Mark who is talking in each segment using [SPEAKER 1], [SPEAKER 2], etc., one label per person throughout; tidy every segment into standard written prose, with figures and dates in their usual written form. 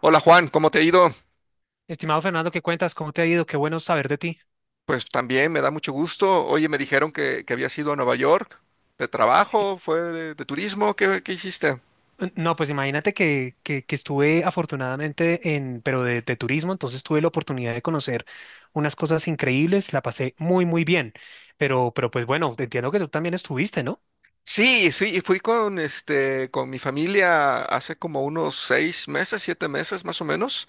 [SPEAKER 1] Hola Juan, ¿cómo te ha ido?
[SPEAKER 2] Estimado Fernando, ¿qué cuentas? ¿Cómo te ha ido? Qué bueno saber de ti.
[SPEAKER 1] Pues también me da mucho gusto. Oye, me dijeron que habías ido a Nueva York de
[SPEAKER 2] Eh,
[SPEAKER 1] trabajo, fue de turismo, ¿qué hiciste?
[SPEAKER 2] No, pues imagínate que estuve afortunadamente en, pero de turismo, entonces tuve la oportunidad de conocer unas cosas increíbles, la pasé muy, muy bien, pero pues bueno, entiendo que tú también estuviste, ¿no?
[SPEAKER 1] Sí, sí, y fui con con mi familia hace como unos seis meses, siete meses más o menos,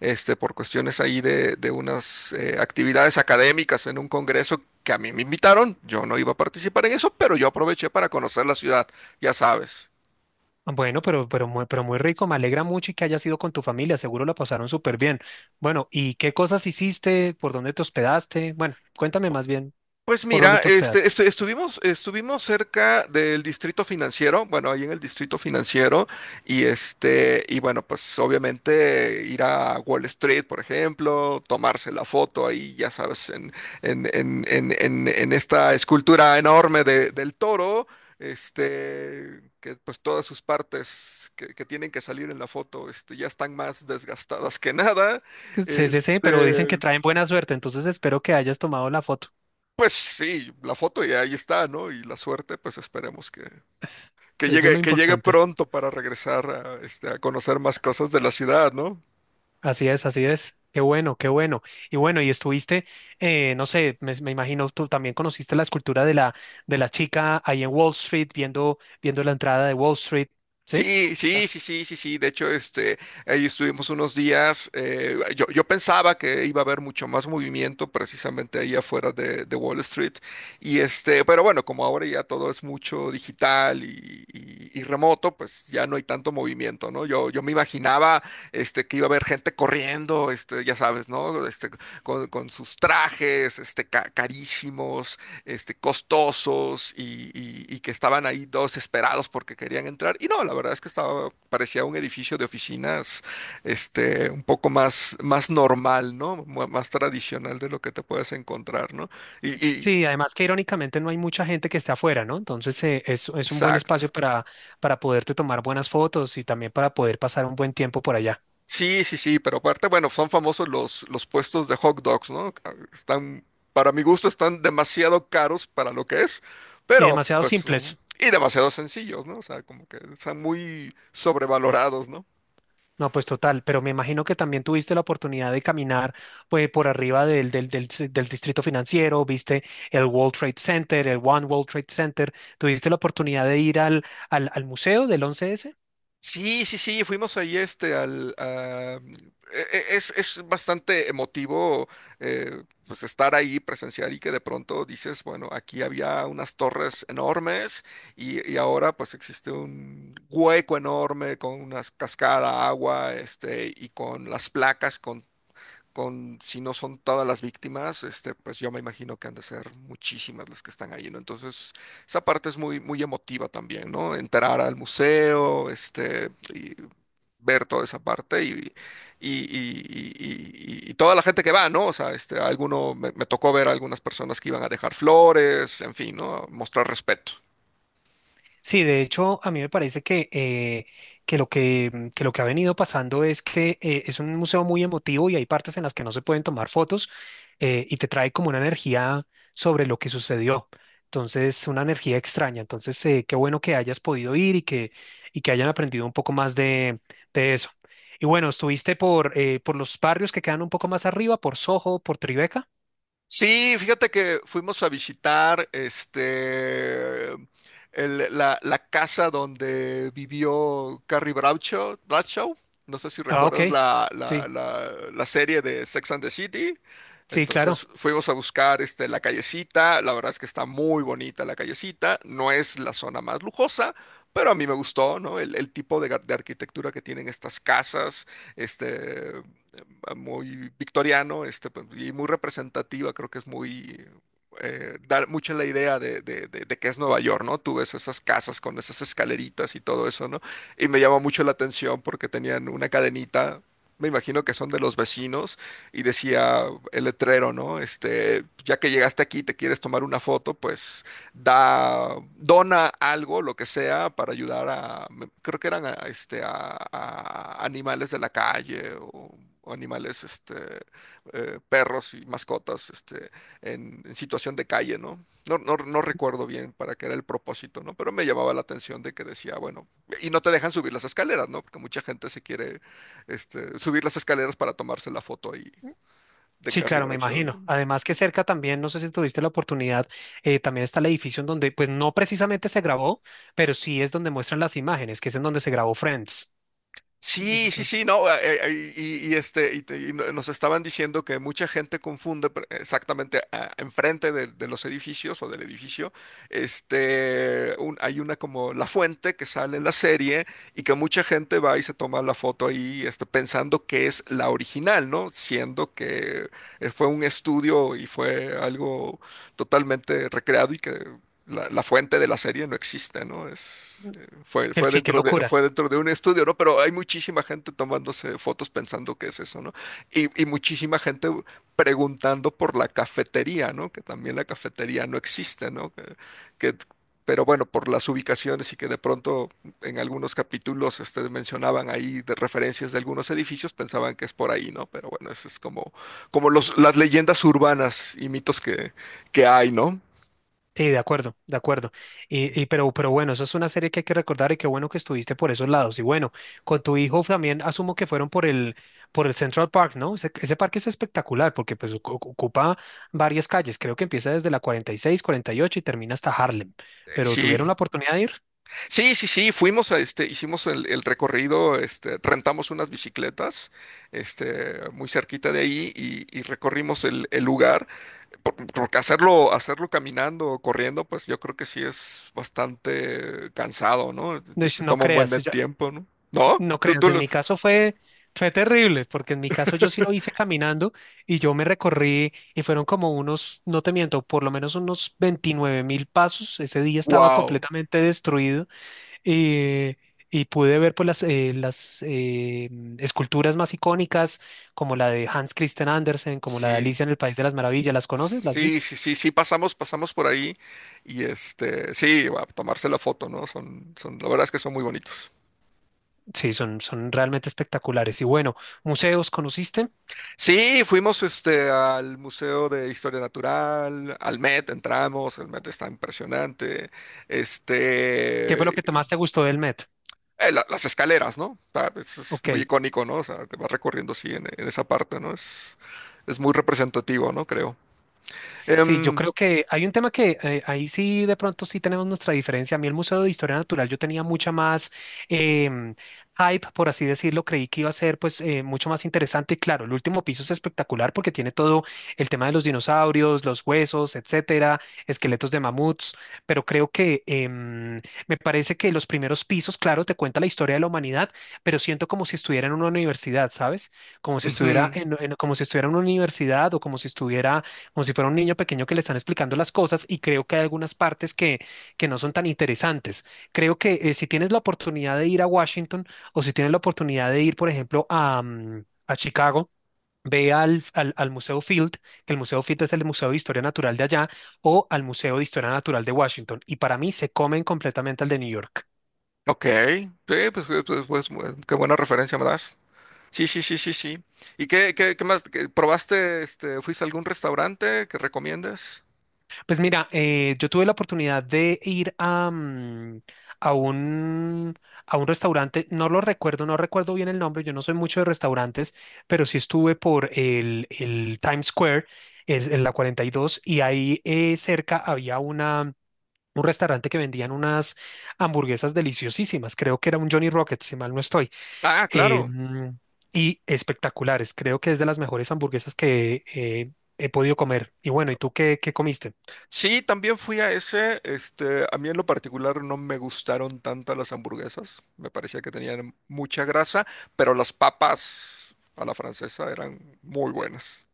[SPEAKER 1] por cuestiones ahí de unas actividades académicas en un congreso que a mí me invitaron. Yo no iba a participar en eso, pero yo aproveché para conocer la ciudad, ya sabes.
[SPEAKER 2] Bueno, pero muy rico, me alegra mucho y que hayas ido con tu familia, seguro la pasaron súper bien. Bueno, ¿y qué cosas hiciste? ¿Por dónde te hospedaste? Bueno, cuéntame más bien,
[SPEAKER 1] Pues
[SPEAKER 2] ¿por dónde
[SPEAKER 1] mira,
[SPEAKER 2] te hospedaste?
[SPEAKER 1] estuvimos, estuvimos cerca del distrito financiero, bueno, ahí en el distrito financiero, y y bueno, pues obviamente ir a Wall Street, por ejemplo, tomarse la foto ahí, ya sabes, en esta escultura enorme del toro, que pues todas sus partes que tienen que salir en la foto, ya están más desgastadas que nada.
[SPEAKER 2] Sí, sí, sí, pero dicen que
[SPEAKER 1] Este,
[SPEAKER 2] traen buena suerte, entonces espero que hayas tomado la foto.
[SPEAKER 1] pues sí, la foto ya ahí está, ¿no? Y la suerte, pues esperemos que, que
[SPEAKER 2] Eso es
[SPEAKER 1] llegue,
[SPEAKER 2] lo
[SPEAKER 1] que llegue
[SPEAKER 2] importante.
[SPEAKER 1] pronto para regresar a, a conocer más cosas de la ciudad, ¿no?
[SPEAKER 2] Así es, así es. Qué bueno, qué bueno. Y bueno, y estuviste, no sé, me imagino tú también conociste la escultura de de la chica ahí en Wall Street, viendo, viendo la entrada de Wall Street, ¿sí?
[SPEAKER 1] Sí, sí,
[SPEAKER 2] La-
[SPEAKER 1] sí, sí, sí, sí. De hecho, ahí estuvimos unos días. Yo pensaba que iba a haber mucho más movimiento precisamente ahí afuera de Wall Street. Y pero bueno, como ahora ya todo es mucho digital y, y remoto, pues ya no hay tanto movimiento, ¿no? Yo me imaginaba, que iba a haber gente corriendo, ya sabes, ¿no? Con sus trajes, carísimos, costosos y, y que estaban ahí todos desesperados porque querían entrar. Y no, la verdad es que estaba, parecía un edificio de oficinas, un poco más, más normal, ¿no? Más tradicional de lo que te puedes encontrar, ¿no? Y,
[SPEAKER 2] Sí, además que irónicamente no hay mucha gente que esté afuera, ¿no? Entonces es un buen espacio
[SPEAKER 1] exacto.
[SPEAKER 2] para poderte tomar buenas fotos y también para poder pasar un buen tiempo por allá.
[SPEAKER 1] Sí, sí, sí, pero aparte, bueno, son famosos los puestos de hot dogs, ¿no? Ah, están, para mi gusto, están demasiado caros para lo que es,
[SPEAKER 2] Y demasiado simples.
[SPEAKER 1] Y demasiado sencillos, ¿no? O sea, como que están muy sobrevalorados, ¿no?
[SPEAKER 2] No, pues total, pero me imagino que también tuviste la oportunidad de caminar pues, por arriba del distrito financiero, viste el World Trade Center, el One World Trade Center, tuviste la oportunidad de ir al museo del 11S.
[SPEAKER 1] Sí, sí, sí, fuimos ahí este al a- e- e- es bastante emotivo, pues estar ahí, presenciar y que de pronto dices, bueno, aquí había unas torres enormes y ahora pues existe un hueco enorme con una cascada, agua, y con las placas con si no son todas las víctimas, pues yo me imagino que han de ser muchísimas las que están ahí, ¿no? Entonces, esa parte es muy, muy emotiva también, ¿no? Entrar al museo, y ver toda esa parte y, y, y- y toda la gente que va, ¿no? O sea, me tocó ver a algunas personas que iban a dejar flores, en fin, ¿no? Mostrar respeto.
[SPEAKER 2] Sí, de hecho, a mí me parece que, que lo que ha venido pasando es que es un museo muy emotivo y hay partes en las que no se pueden tomar fotos y te trae como una energía sobre lo que sucedió. Entonces, una energía extraña. Entonces, qué bueno que hayas podido ir y que hayan aprendido un poco más de eso. Y bueno, estuviste por los barrios que quedan un poco más arriba, por Soho, por Tribeca.
[SPEAKER 1] Sí, fíjate que fuimos a visitar la casa donde vivió Carrie Bradshaw, Bradshaw. No sé si
[SPEAKER 2] Ah,
[SPEAKER 1] recuerdas
[SPEAKER 2] ok. Sí,
[SPEAKER 1] la serie de Sex and the City.
[SPEAKER 2] sí, claro.
[SPEAKER 1] Entonces fuimos a buscar la callecita. La verdad es que está muy bonita la callecita. No es la zona más lujosa, pero a mí me gustó, ¿no? El tipo de, de arquitectura que tienen estas casas. Este, muy victoriano, pues, y muy representativa, creo que es muy, da mucho la idea de que es Nueva York, ¿no? Tú ves esas casas con esas escaleritas y todo eso, ¿no? Y me llama mucho la atención porque tenían una cadenita, me imagino que son de los vecinos, y decía el letrero, ¿no? Ya que llegaste aquí y te quieres tomar una foto, pues dona algo, lo que sea, para ayudar a, creo que eran a, a animales de la calle o animales, perros y mascotas, en situación de calle, ¿no? No, no, no recuerdo bien para qué era el propósito, ¿no? Pero me llamaba la atención de que decía, bueno, y no te dejan subir las escaleras, ¿no? Porque mucha gente se quiere, subir las escaleras para tomarse la foto ahí de
[SPEAKER 2] Sí,
[SPEAKER 1] Carrie
[SPEAKER 2] claro, me
[SPEAKER 1] Bradshaw, ¿no?
[SPEAKER 2] imagino. Además que cerca también, no sé si tuviste la oportunidad, también está el edificio en donde, pues no precisamente se grabó, pero sí es donde muestran las imágenes, que es en donde se grabó Friends.
[SPEAKER 1] Sí, sí,
[SPEAKER 2] Entonces,
[SPEAKER 1] sí, no, y nos estaban diciendo que mucha gente exactamente enfrente de los edificios o del edificio, hay una como la fuente que sale en la serie y que mucha gente va y se toma la foto ahí, pensando que es la original, ¿no? Siendo que fue un estudio y fue algo totalmente recreado y que la fuente de la serie no existe, ¿no?
[SPEAKER 2] sí, qué locura.
[SPEAKER 1] Fue dentro de un estudio, ¿no? Pero hay muchísima gente tomándose fotos pensando que es eso, ¿no? Y muchísima gente preguntando por la cafetería, ¿no? Que también la cafetería no existe, ¿no? Que- pero bueno, por las ubicaciones y que de pronto en algunos capítulos mencionaban ahí de referencias de algunos edificios, pensaban que es por ahí, ¿no? Pero bueno, eso es como, como los, las leyendas urbanas y mitos que hay, ¿no?
[SPEAKER 2] Sí, de acuerdo, de acuerdo. Pero bueno, eso es una serie que hay que recordar y qué bueno que estuviste por esos lados. Y bueno, con tu hijo también asumo que fueron por el Central Park, ¿no? Ese parque es espectacular porque pues ocupa varias calles. Creo que empieza desde la 46, 48 y ocho y termina hasta Harlem. Pero ¿tuvieron
[SPEAKER 1] Sí,
[SPEAKER 2] la oportunidad de ir?
[SPEAKER 1] sí, sí, sí, fuimos a hicimos el recorrido, rentamos unas bicicletas, muy cerquita de ahí y recorrimos el lugar, porque hacerlo, hacerlo caminando o corriendo, pues yo creo que sí es bastante cansado, ¿no? Te, te te
[SPEAKER 2] No
[SPEAKER 1] toma un buen
[SPEAKER 2] creas,
[SPEAKER 1] de tiempo, ¿no? ¿No?
[SPEAKER 2] no
[SPEAKER 1] Tú,
[SPEAKER 2] creas,
[SPEAKER 1] tú
[SPEAKER 2] en
[SPEAKER 1] lo...
[SPEAKER 2] mi caso fue, fue terrible, porque en mi caso yo sí lo hice caminando y yo me recorrí y fueron como unos, no te miento, por lo menos unos 29.000 pasos. Ese día estaba
[SPEAKER 1] ¡Wow!
[SPEAKER 2] completamente destruido eh, y pude ver pues, las esculturas más icónicas, como la de Hans Christian Andersen, como la de
[SPEAKER 1] Sí.
[SPEAKER 2] Alicia en el País de las Maravillas. ¿Las conoces? ¿Las
[SPEAKER 1] Sí,
[SPEAKER 2] viste?
[SPEAKER 1] sí, sí, sí, pasamos, pasamos por ahí y sí, a tomarse la foto, ¿no? Son, son, la verdad es que son muy bonitos.
[SPEAKER 2] Sí, son, son realmente espectaculares. Y bueno, museos, ¿conociste?
[SPEAKER 1] Sí, fuimos al Museo de Historia Natural, al Met, entramos, el Met está impresionante.
[SPEAKER 2] ¿Qué fue lo
[SPEAKER 1] Este,
[SPEAKER 2] que te más te gustó del Met?
[SPEAKER 1] las escaleras, ¿no? O sea, es
[SPEAKER 2] Ok.
[SPEAKER 1] muy icónico, ¿no? O sea, te vas recorriendo así en esa parte, ¿no? Es muy representativo, ¿no? Creo.
[SPEAKER 2] Sí, yo
[SPEAKER 1] Em,
[SPEAKER 2] creo que hay un tema que ahí sí de pronto sí tenemos nuestra diferencia. A mí el Museo de Historia Natural yo tenía mucha más em, hype, por así decirlo. Creí que iba a ser pues mucho más interesante. Claro, el último piso es espectacular porque tiene todo el tema de los dinosaurios, los huesos, etcétera, esqueletos de mamuts. Pero creo que me parece que los primeros pisos, claro, te cuenta la historia de la humanidad, pero siento como si estuviera en una universidad, ¿sabes? Como si estuviera
[SPEAKER 1] ujú,
[SPEAKER 2] como si estuviera en una universidad o como si estuviera como si fuera un niño pequeño que le están explicando las cosas y creo que hay algunas partes que no son tan interesantes. Creo que si tienes la oportunidad de ir a Washington o si tienes la oportunidad de ir, por ejemplo, a Chicago, ve al Museo Field, que el Museo Field es el Museo de Historia Natural de allá, o al Museo de Historia Natural de Washington. Y para mí se comen completamente al de New York.
[SPEAKER 1] ok, sí, pues, pues, pues, pues, qué buena referencia me das. Sí, sí, sí, sí, sí. ¿Y qué, qué, qué más? ¿Probaste, fuiste a algún restaurante que recomiendes?
[SPEAKER 2] Pues mira, yo tuve la oportunidad de ir a un, a un restaurante, no lo recuerdo, no recuerdo bien el nombre, yo no soy mucho de restaurantes, pero sí estuve por el Times Square, es en la 42, y dos, y ahí cerca había una, un restaurante que vendían unas hamburguesas deliciosísimas, creo que era un Johnny Rocket, si mal no estoy.
[SPEAKER 1] Ah,
[SPEAKER 2] eh,
[SPEAKER 1] claro.
[SPEAKER 2] mm, y espectaculares, creo que es de las mejores hamburguesas que he podido comer. Y bueno, ¿y tú qué, qué comiste?
[SPEAKER 1] Sí, también fui a ese. A mí en lo particular no me gustaron tanto las hamburguesas. Me parecía que tenían mucha grasa, pero las papas a la francesa eran muy buenas.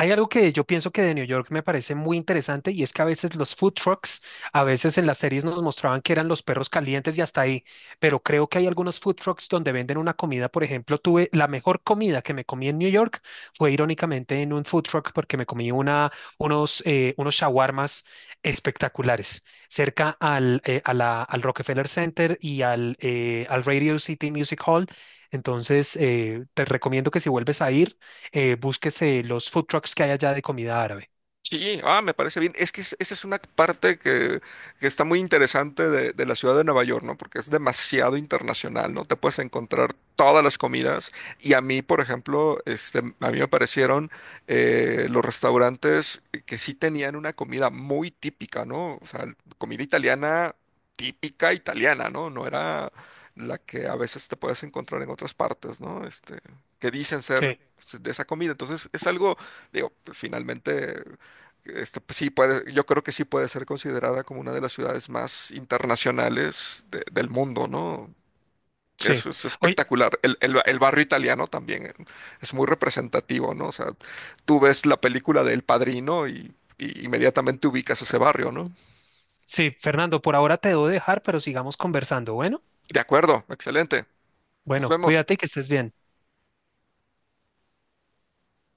[SPEAKER 2] Hay algo que yo pienso que de New York me parece muy interesante y es que a veces los food trucks, a veces en las series nos mostraban que eran los perros calientes y hasta ahí, pero creo que hay algunos food trucks donde venden una comida, por ejemplo, tuve la mejor comida que me comí en New York fue irónicamente en un food truck porque me comí una, unos shawarmas espectaculares cerca al, al Rockefeller Center y al, al Radio City Music Hall. Entonces, te recomiendo que si vuelves a ir búsquese los food trucks que hay allá de comida árabe.
[SPEAKER 1] Sí, ah, me parece bien. Es que esa es una parte que está muy interesante de la ciudad de Nueva York, ¿no? Porque es demasiado internacional, ¿no? Te puedes encontrar todas las comidas. Y a mí, por ejemplo, a mí me parecieron los restaurantes que sí tenían una comida muy típica, ¿no? O sea, comida italiana típica italiana, ¿no? No era la que a veces te puedes encontrar en otras partes, ¿no? Que dicen ser
[SPEAKER 2] Sí,
[SPEAKER 1] de esa comida. Entonces, es algo, digo, pues, finalmente. Pues, sí puede, yo creo que sí puede ser considerada como una de las ciudades más internacionales del mundo, ¿no?
[SPEAKER 2] sí.
[SPEAKER 1] Eso es
[SPEAKER 2] Oye,
[SPEAKER 1] espectacular. El, el barrio italiano también es muy representativo, ¿no? O sea, tú ves la película de El Padrino y inmediatamente ubicas ese barrio, ¿no?
[SPEAKER 2] sí, Fernando, por ahora te debo dejar, pero sigamos conversando. Bueno,
[SPEAKER 1] De acuerdo, excelente. Nos
[SPEAKER 2] bueno,
[SPEAKER 1] vemos.
[SPEAKER 2] cuídate y que estés bien.